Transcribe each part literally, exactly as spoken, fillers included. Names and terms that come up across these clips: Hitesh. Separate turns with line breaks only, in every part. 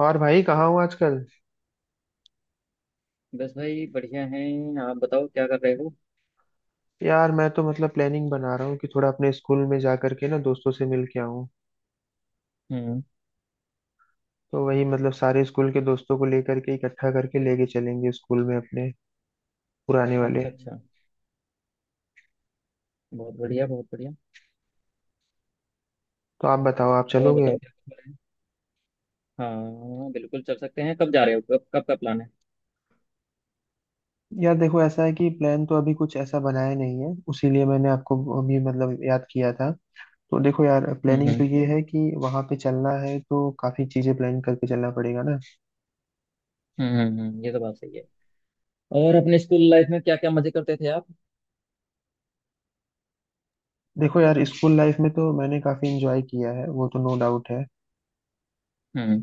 और भाई कहाँ हूँ आजकल।
बस भाई बढ़िया हैं। आप बताओ क्या कर रहे हो?
यार मैं तो मतलब प्लानिंग बना रहा हूँ कि थोड़ा अपने स्कूल में जा करके ना दोस्तों से मिल के आऊँ।
हम्म।
तो वही मतलब सारे स्कूल के दोस्तों को लेकर के इकट्ठा करके लेके चलेंगे स्कूल में अपने पुराने वाले।
अच्छा अच्छा। बहुत बढ़िया बहुत बढ़िया।
तो आप बताओ, आप
और
चलोगे?
बताओ क्या कर रहे हैं? हाँ बिल्कुल चल सकते हैं। कब जा रहे हो? कब कब का प्लान है?
यार देखो, ऐसा है कि प्लान तो अभी कुछ ऐसा बनाया नहीं है, उसीलिए मैंने आपको अभी मतलब याद किया था। तो देखो यार,
हम्म,
प्लानिंग
हम्म,
तो ये है कि वहाँ पे चलना है तो काफ़ी चीज़ें प्लान करके चलना पड़ेगा ना।
हम्म, हम्म, हम्म, ये तो बात सही है। और अपने स्कूल लाइफ में क्या क्या मजे करते थे आप?
देखो यार, स्कूल लाइफ में तो मैंने काफ़ी इंजॉय किया है, वो तो नो डाउट है।
हम्म।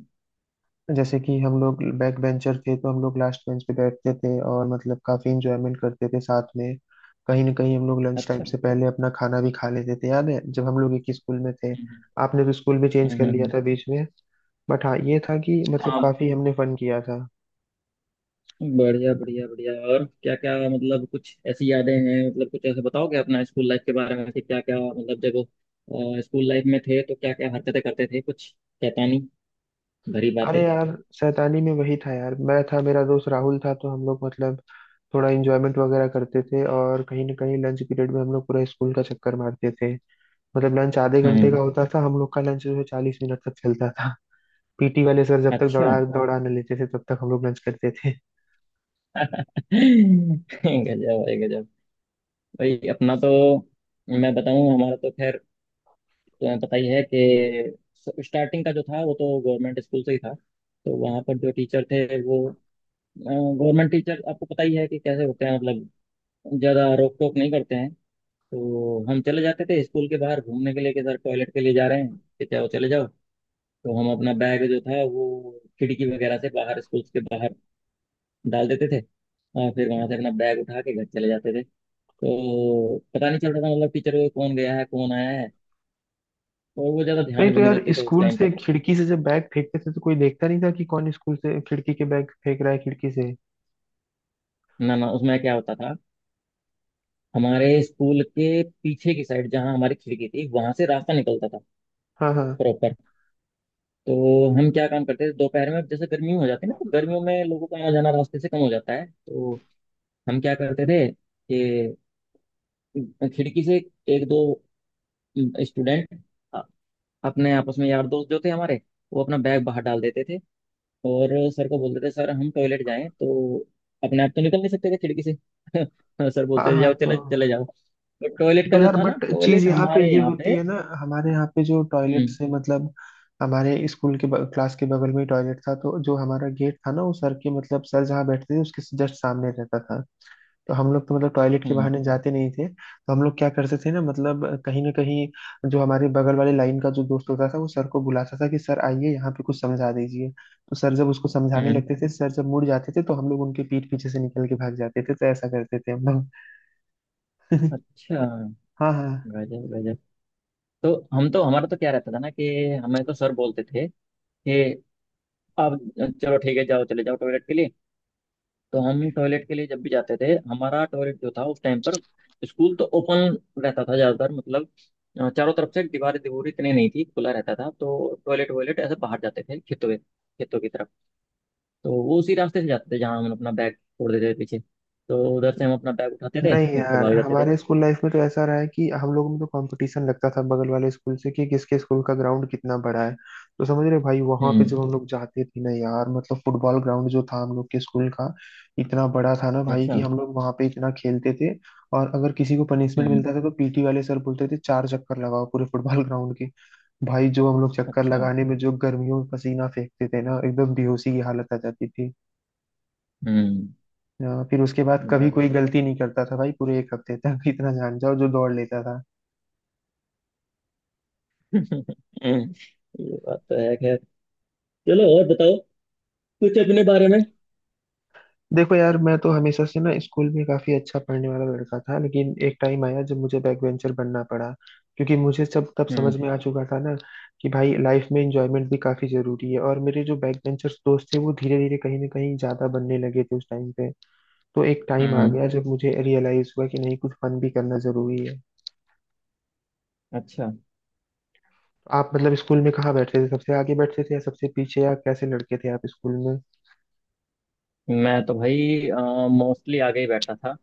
जैसे कि हम लोग बैक बेंचर थे तो हम लोग लास्ट बेंच पे बैठते थे और मतलब काफी इंजॉयमेंट करते थे साथ में। कहीं ना कहीं हम लोग लंच टाइम
अच्छा।
से पहले अपना खाना भी खा लेते थे, याद है जब हम लोग एक ही स्कूल में थे।
हम्म,
आपने तो स्कूल भी चेंज
हम्म,
कर
हम्म,
लिया
हम्म,
था बीच में। बट हाँ, ये था कि मतलब
हाँ।
काफी हमने फन किया था।
बढ़िया बढ़िया बढ़िया। और क्या क्या, मतलब कुछ ऐसी यादें हैं, मतलब कुछ ऐसे बताओगे अपना स्कूल लाइफ के बारे में कि क्या क्या, मतलब जब अ, स्कूल लाइफ में थे तो क्या क्या हरकतें करते थे, कुछ शैतानी भरी
अरे
बातें।
यार, शैतानी में वही था यार, मैं था, मेरा दोस्त राहुल था, तो हम लोग मतलब थोड़ा इंजॉयमेंट वगैरह करते थे और कहीं ना कहीं लंच पीरियड में हम लोग पूरा स्कूल का चक्कर मारते थे। मतलब लंच आधे घंटे
हम्म।
का होता था, हम लोग का लंच जो है चालीस मिनट तक चलता था। पीटी वाले सर जब तक
अच्छा।
दौड़ा दौड़ाने लेते थे तब तक हम लोग लंच करते थे।
गजब है गजब। भाई अपना तो, मैं बताऊं हमारा तो खैर, तुम्हें पता ही है कि स्टार्टिंग का जो था वो तो गवर्नमेंट स्कूल से ही था। तो वहाँ पर जो टीचर थे, वो गवर्नमेंट टीचर, आपको पता ही है कि कैसे होते हैं, मतलब ज़्यादा रोक टोक नहीं करते हैं। तो हम चले जाते थे स्कूल के बाहर घूमने के लिए कि सर टॉयलेट के लिए जा रहे हैं कि चाहे चले जाओ। तो हम अपना बैग जो था वो खिड़की वगैरह से बाहर स्कूल के बाहर डाल देते थे। और फिर वहां से अपना बैग उठा के घर चले जाते थे। तो पता नहीं चलता था, मतलब टीचर को कौन गया है कौन आया है। और वो ज्यादा
नहीं
ध्यान
तो
भी नहीं
यार,
देते थे उस
स्कूल
टाइम पर।
से खिड़की से जब बैग फेंकते थे तो कोई देखता नहीं था कि कौन स्कूल से खिड़की के बैग फेंक रहा है खिड़की से।
ना ना, उसमें क्या होता था, हमारे स्कूल के पीछे की साइड जहाँ हमारी खिड़की थी वहां से रास्ता निकलता था
हाँ हाँ
प्रॉपर। तो हम क्या काम करते थे दोपहर में, जैसे गर्मी हो जाती है ना, तो गर्मियों में लोगों का आना जाना रास्ते से कम हो जाता है, तो हम क्या करते थे कि खिड़की से एक दो स्टूडेंट, अपने आपस में यार दोस्त जो थे हमारे, वो अपना बैग बाहर डाल देते थे और सर को बोलते थे सर हम टॉयलेट जाएं तो? अपने आप तो निकल नहीं सकते थे खिड़की से। सर
हाँ
बोलते थे
हाँ।
जाओ
तो
चले चले जाओ। तो टॉयलेट
तो
का जो
यार,
था ना,
बट चीज
टॉयलेट
यहाँ पे
हमारे
ये
यहाँ
होती
पे।
है ना, हमारे यहाँ पे जो टॉयलेट
हम्म,
से मतलब हमारे स्कूल के ब- क्लास के बगल में ही टॉयलेट था, तो जो हमारा गेट था ना वो सर के मतलब सर जहाँ बैठते थे उसके जस्ट सामने रहता था। तो हम लोग तो मतलब टॉयलेट के
हम्म,
बहाने जाते नहीं थे, तो हम लोग क्या करते थे ना मतलब कहीं ना कहीं जो हमारे बगल वाले लाइन का जो दोस्त होता था वो सर को बुलाता था कि सर आइए यहाँ पे कुछ समझा दीजिए, तो सर जब उसको समझाने
हम्म।
लगते थे, सर जब मुड़ जाते थे तो हम लोग उनके पीठ पीछे से निकल के भाग जाते थे। तो ऐसा करते थे हम लोग।
अच्छा।
हाँ हाँ।
गजब गजब। तो हम तो, हमारा तो क्या रहता था ना कि हमें तो सर बोलते थे कि आप चलो ठीक है जाओ चले जाओ टॉयलेट के लिए। तो हम टॉयलेट के लिए जब भी जाते थे, हमारा टॉयलेट जो था उस टाइम पर, स्कूल तो ओपन रहता था ज्यादातर, मतलब अ, चारों तरफ से दीवारें दीवारें इतनी नहीं थी, खुला रहता था, तो टॉयलेट वॉयलेट ऐसे बाहर जाते थे खेतों में, खेतों की तरफ। तो वो उसी रास्ते से जाते थे जहाँ हम अपना बैग छोड़ देते थे पीछे। तो उधर से हम अपना बैग उठाते थे
नहीं
और घर
यार,
भाग जाते थे।
हमारे स्कूल लाइफ में तो ऐसा रहा है कि हम लोगों में तो कंपटीशन लगता था बगल वाले स्कूल से कि किसके स्कूल का ग्राउंड कितना बड़ा है। तो समझ रहे हो भाई, वहां पे
हम्म।
जब हम लोग जाते थे ना यार, मतलब फुटबॉल ग्राउंड जो था हम लोग के स्कूल का, इतना बड़ा था ना भाई कि
अच्छा।
हम लोग वहां पे इतना खेलते थे। और अगर किसी को पनिशमेंट
हम्म।
मिलता था तो पीटी वाले सर बोलते थे चार चक्कर लगाओ पूरे फुटबॉल ग्राउंड के। भाई जो हम लोग चक्कर
अच्छा।
लगाने में जो गर्मियों में पसीना फेंकते थे ना, एकदम बेहोशी की हालत आ जाती थी।
हम्म।
अ, फिर उसके बाद कभी कोई
गजब।
गलती नहीं करता था भाई पूरे एक हफ्ते तक। इतना जान जाओ जो दौड़ लेता था।
ये बात तो है खैर। चलो और बताओ कुछ अपने बारे में।
देखो यार, मैं तो हमेशा से ना स्कूल में काफी अच्छा पढ़ने वाला लड़का था, लेकिन एक टाइम आया जब मुझे बैक बेंचर बनना पड़ा, क्योंकि मुझे सब तब समझ
हम्म,
में आ चुका था ना कि भाई लाइफ में एंजॉयमेंट भी काफी जरूरी है, और मेरे जो बैक बेंचर्स दोस्त थे वो धीरे धीरे कहीं ना कहीं ज्यादा बनने लगे थे उस टाइम पे। तो एक टाइम आ
हम्म।
गया जब मुझे रियलाइज हुआ कि नहीं, कुछ फन भी करना जरूरी है।
अच्छा।
आप मतलब स्कूल में कहाँ बैठते थे, सबसे आगे बैठते थे या सबसे पीछे, या कैसे लड़के थे आप स्कूल में?
मैं तो भाई मोस्टली आगे ही बैठता था।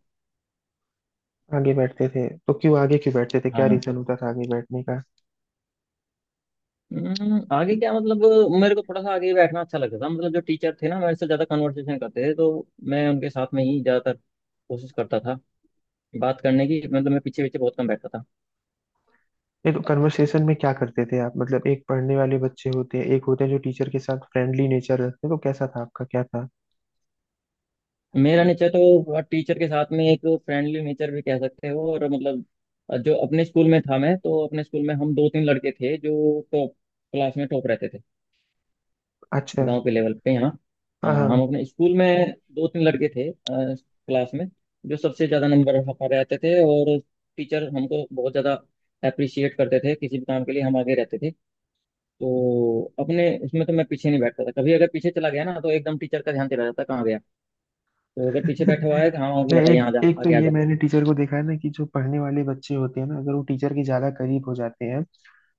आगे बैठते थे तो क्यों, आगे क्यों बैठते थे, क्या
हाँ,
रीजन होता था आगे बैठने का?
हम्म, आगे क्या मतलब, मेरे को थोड़ा सा आगे ही बैठना अच्छा लगता था, मतलब जो टीचर थे ना मेरे से ज़्यादा कन्वर्सेशन करते थे, तो मैं उनके साथ में ही ज़्यादातर कोशिश करता था बात करने की, मतलब मैं पीछे पीछे बहुत कम बैठता था।
ये तो कन्वर्सेशन में क्या करते थे आप, मतलब एक पढ़ने वाले बच्चे होते हैं, एक होते हैं जो टीचर के साथ फ्रेंडली नेचर रखते हैं, तो कैसा था आपका, क्या था?
मेरा नेचर तो टीचर के साथ में एक फ्रेंडली नेचर भी कह सकते हो। और मतलब, जो अपने स्कूल में था, मैं तो अपने स्कूल में हम दो तीन लड़के थे जो टॉप क्लास में टॉप रहते थे।
अच्छा।
गांव के लेवल पे, हाँ
हाँ
हाँ। हम
हाँ।
अपने स्कूल में दो तीन लड़के थे अ, क्लास में, जो सबसे ज़्यादा नंबर हमारे आते थे, और टीचर हमको बहुत ज़्यादा अप्रिशिएट करते थे, किसी भी काम के लिए हम आगे रहते थे। तो अपने उसमें तो मैं पीछे नहीं बैठता था कभी। अगर पीछे चला गया ना तो एकदम टीचर का ध्यान चला जाता कहाँ गया, तो अगर पीछे बैठा हुआ है तो हाँ ओके
नहीं,
बेटा
एक
यहाँ आ जा,
एक तो
आगे आ
ये
जा।
मैंने टीचर को देखा है ना कि जो पढ़ने वाले बच्चे होते हैं ना, अगर वो टीचर के ज्यादा करीब हो जाते हैं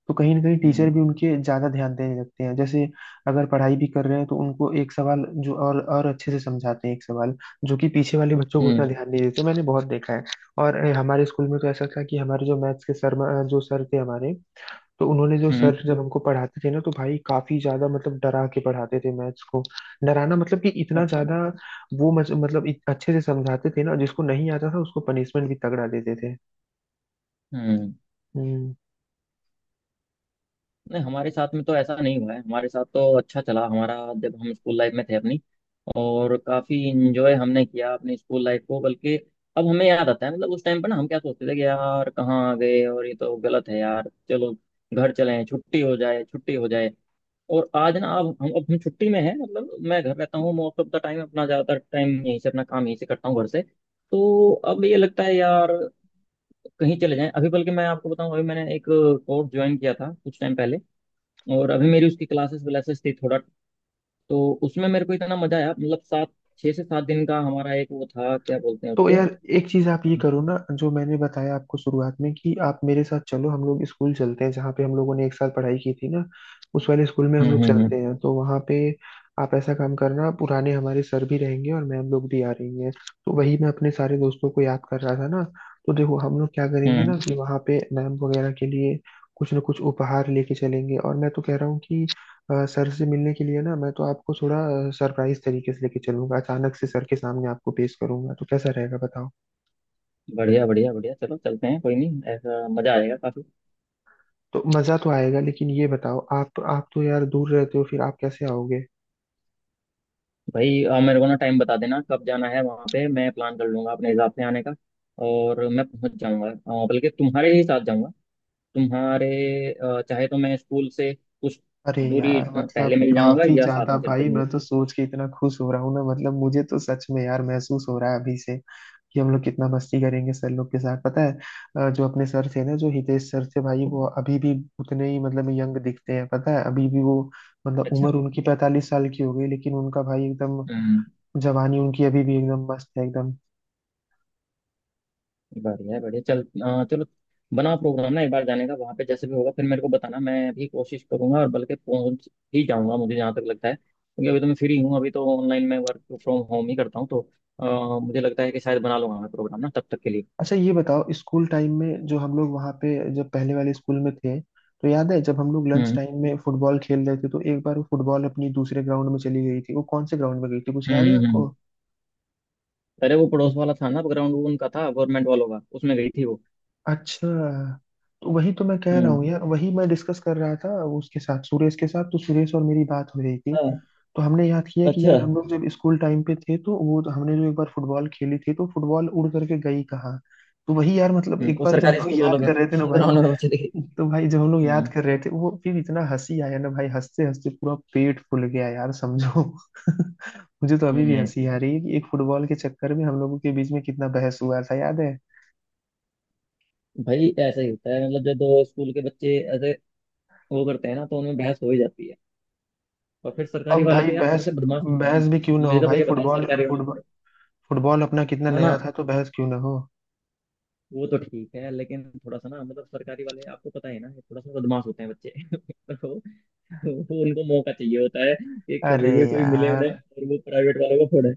तो कहीं ना कहीं टीचर
हम्म,
भी उनके ज्यादा ध्यान देने लगते हैं। जैसे अगर पढ़ाई भी कर रहे हैं तो उनको एक सवाल जो और और अच्छे से समझाते हैं, एक सवाल जो कि पीछे वाले बच्चों को उतना
हम्म,
ध्यान नहीं देते, मैंने बहुत देखा है। और अ, हमारे स्कूल में तो ऐसा था कि हमारे जो मैथ्स के सर, अ, जो सर थे हमारे, तो उन्होंने जो सर
हम्म।
जब हमको पढ़ाते थे ना तो भाई काफी ज्यादा मतलब डरा के पढ़ाते थे मैथ्स को। डराना मतलब कि इतना
अच्छा।
ज्यादा वो मज- मतलब इत- अच्छे से समझाते थे ना, जिसको नहीं आता था उसको पनिशमेंट भी तगड़ा देते थे।
हम्म।
हम्म।
नहीं, हमारे साथ में तो ऐसा नहीं हुआ है, हमारे साथ तो अच्छा चला हमारा, जब हम स्कूल लाइफ में थे अपनी। और काफी इंजॉय हमने किया अपनी स्कूल लाइफ को। बल्कि अब हमें याद आता है, मतलब उस टाइम पर ना हम क्या सोचते थे कि यार कहाँ आ गए और ये तो गलत है यार, चलो घर चले, छुट्टी हो जाए छुट्टी हो जाए। और आज ना, अब हम अब हम छुट्टी में हैं, मतलब मैं घर रहता हूँ मोस्ट ऑफ द टाइम, अपना ज्यादातर टाइम यहीं से, अपना काम यहीं से करता हूँ, घर से। तो अब ये लगता है यार कहीं चले जाएं अभी। बल्कि मैं आपको बताऊं, अभी मैंने एक कोर्स ज्वाइन किया था कुछ टाइम पहले, और अभी मेरी उसकी क्लासेस व्लासेस थी थोड़ा। तो उसमें मेरे को इतना मजा आया, मतलब सात छः से सात दिन का हमारा एक वो था, क्या बोलते हैं
तो
उसको।
यार एक चीज आप ये
हम्म,
करो ना, जो मैंने बताया आपको शुरुआत में कि आप मेरे साथ चलो, हम लोग स्कूल चलते हैं जहाँ पे हम लोगों ने एक साथ पढ़ाई की थी ना, उस वाले स्कूल में हम
हम्म,
लोग चलते
हम्म,
हैं। तो वहाँ पे आप ऐसा काम करना, पुराने हमारे सर भी रहेंगे और मैम लोग भी आ रही हैं। तो वही मैं अपने सारे दोस्तों को याद कर रहा था ना। तो देखो, हम लोग क्या करेंगे
हम्म,
ना कि वहाँ पे मैम वगैरह के लिए कुछ ना कुछ उपहार लेके चलेंगे, और मैं तो कह रहा हूँ कि अ, सर से मिलने के लिए ना मैं तो आपको थोड़ा सरप्राइज तरीके से लेके चलूंगा, अचानक से सर के सामने आपको पेश करूंगा, तो कैसा रहेगा बताओ?
बढ़िया बढ़िया बढ़िया। चलो चलते हैं कोई नहीं, ऐसा मजा आएगा काफी।
तो मजा तो आएगा, लेकिन ये बताओ, आप आप तो यार दूर रहते हो, फिर आप कैसे आओगे?
भाई आ, मेरे को ना टाइम बता देना कब जाना है वहाँ पे, मैं प्लान कर लूंगा अपने हिसाब से आने का, और मैं पहुंच जाऊंगा, आ, बल्कि तुम्हारे ही साथ जाऊंगा, तुम्हारे आ, चाहे तो मैं स्कूल से कुछ
अरे
दूरी
यार
आ,
मतलब
पहले मिल जाऊंगा,
काफी
या साथ
ज्यादा
में चल
भाई,
चलूंगा
मैं तो सोच के इतना खुश हो रहा हूँ ना, मतलब मुझे तो सच में यार महसूस हो रहा है अभी से कि हम लोग कितना मस्ती करेंगे सर लोग के साथ। पता है, अ, जो अपने सर थे ना, जो हितेश सर थे भाई, वो अभी भी उतने ही मतलब यंग दिखते हैं, पता है अभी भी वो, मतलब
अच्छा।
उम्र उनकी पैंतालीस साल की हो गई लेकिन उनका भाई एकदम
हम्म।
जवानी उनकी अभी भी एकदम मस्त है एकदम।
बढ़िया है, बढ़िया चल अ, चलो बना प्रोग्राम ना एक बार जाने का वहां पे, जैसे भी होगा फिर मेरे को बताना, मैं भी कोशिश करूंगा और बल्कि पहुंच ही जाऊंगा मुझे जहां तक लगता है, क्योंकि अभी तो मैं फ्री हूँ, अभी तो ऑनलाइन मैं वर्क फ्रॉम होम ही करता हूँ, तो अ, मुझे लगता है कि शायद बना लूंगा मैं प्रोग्राम ना तब तक के लिए।
अच्छा ये बताओ, स्कूल टाइम में जो हम लोग वहाँ पे, जब पहले वाले स्कूल में थे, तो याद है जब हम लोग लंच
हम्म,
टाइम में फुटबॉल खेल रहे थे तो एक बार वो फुटबॉल अपनी दूसरे ग्राउंड में चली गई थी, वो कौन से ग्राउंड में गई थी, कुछ
हम्म,
याद है
हम्म,
आपको?
हम्म। अरे वो पड़ोस वाला था ना ग्राउंड, वो उनका था गवर्नमेंट वालों का, उसमें गई थी वो।
अच्छा। तो वही तो मैं कह रहा हूँ
हम्म।
यार, वही मैं डिस्कस कर रहा था उसके साथ, सुरेश के साथ, तो सुरेश और मेरी बात हो रही थी।
हाँ।
तो हमने याद किया कि
अच्छा।
यार हम लोग जब स्कूल टाइम पे थे तो वो, तो हमने जो एक बार फुटबॉल खेली थी तो फुटबॉल उड़ करके गई कहाँ। तो वही यार मतलब
हम्म,
एक
वो
बार जब हम
सरकारी
लोग
स्कूल वालों
याद
के
कर रहे थे ना भाई,
ग्राउंड में बच्चे दिखे थे।
तो भाई जब हम लोग याद
हम्म,
कर रहे थे वो, फिर इतना हंसी आया ना भाई, हंसते हंसते पूरा पेट फूल गया यार, समझो। मुझे तो अभी भी
हम्म,
हंसी आ रही है कि एक फुटबॉल के चक्कर में हम लोगों के बीच में कितना बहस हुआ था, याद है?
भाई ऐसा ही होता है, मतलब जब दो स्कूल के बच्चे वो करते हैं ना तो उनमें बहस हो ही जाती है। और फिर सरकारी
अब
वाले
भाई
तो यार थोड़े
बहस
से बदमाश होते हैं ना।
बहस भी क्यों ना
मुझे
हो
तो
भाई,
भैया बताया
फुटबॉल
सरकारी वाले
फुटबॉल
थोड़े,
फुटबॉल अपना कितना
ना ना,
नया था तो बहस क्यों ना हो।
वो तो ठीक है, लेकिन थोड़ा सा ना, मतलब सरकारी वाले आपको पता है ना, ये थोड़ा सा बदमाश होते हैं बच्चे। तो वो उनको मौका चाहिए होता है कि
अरे
कभी भी कोई मिले उन्हें
यार
और वो प्राइवेट वालों को फोड़े।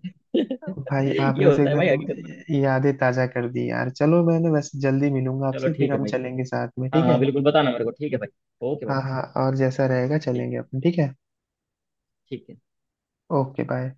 भाई,
ये
आपने तो
होता है भाई हकीकत में।
एकदम यादें ताजा कर दी यार। चलो, मैं ना वैसे जल्दी मिलूंगा
चलो
आपसे, फिर
ठीक है
हम
भाई।
चलेंगे साथ में,
हाँ
ठीक
हाँ,
है?
बिल्कुल बताना मेरे को, ठीक है भाई। ओके भाई।
हाँ हाँ, और जैसा रहेगा
ठीक है।
चलेंगे अपन, ठीक है।
ठीक है।
Okay bye.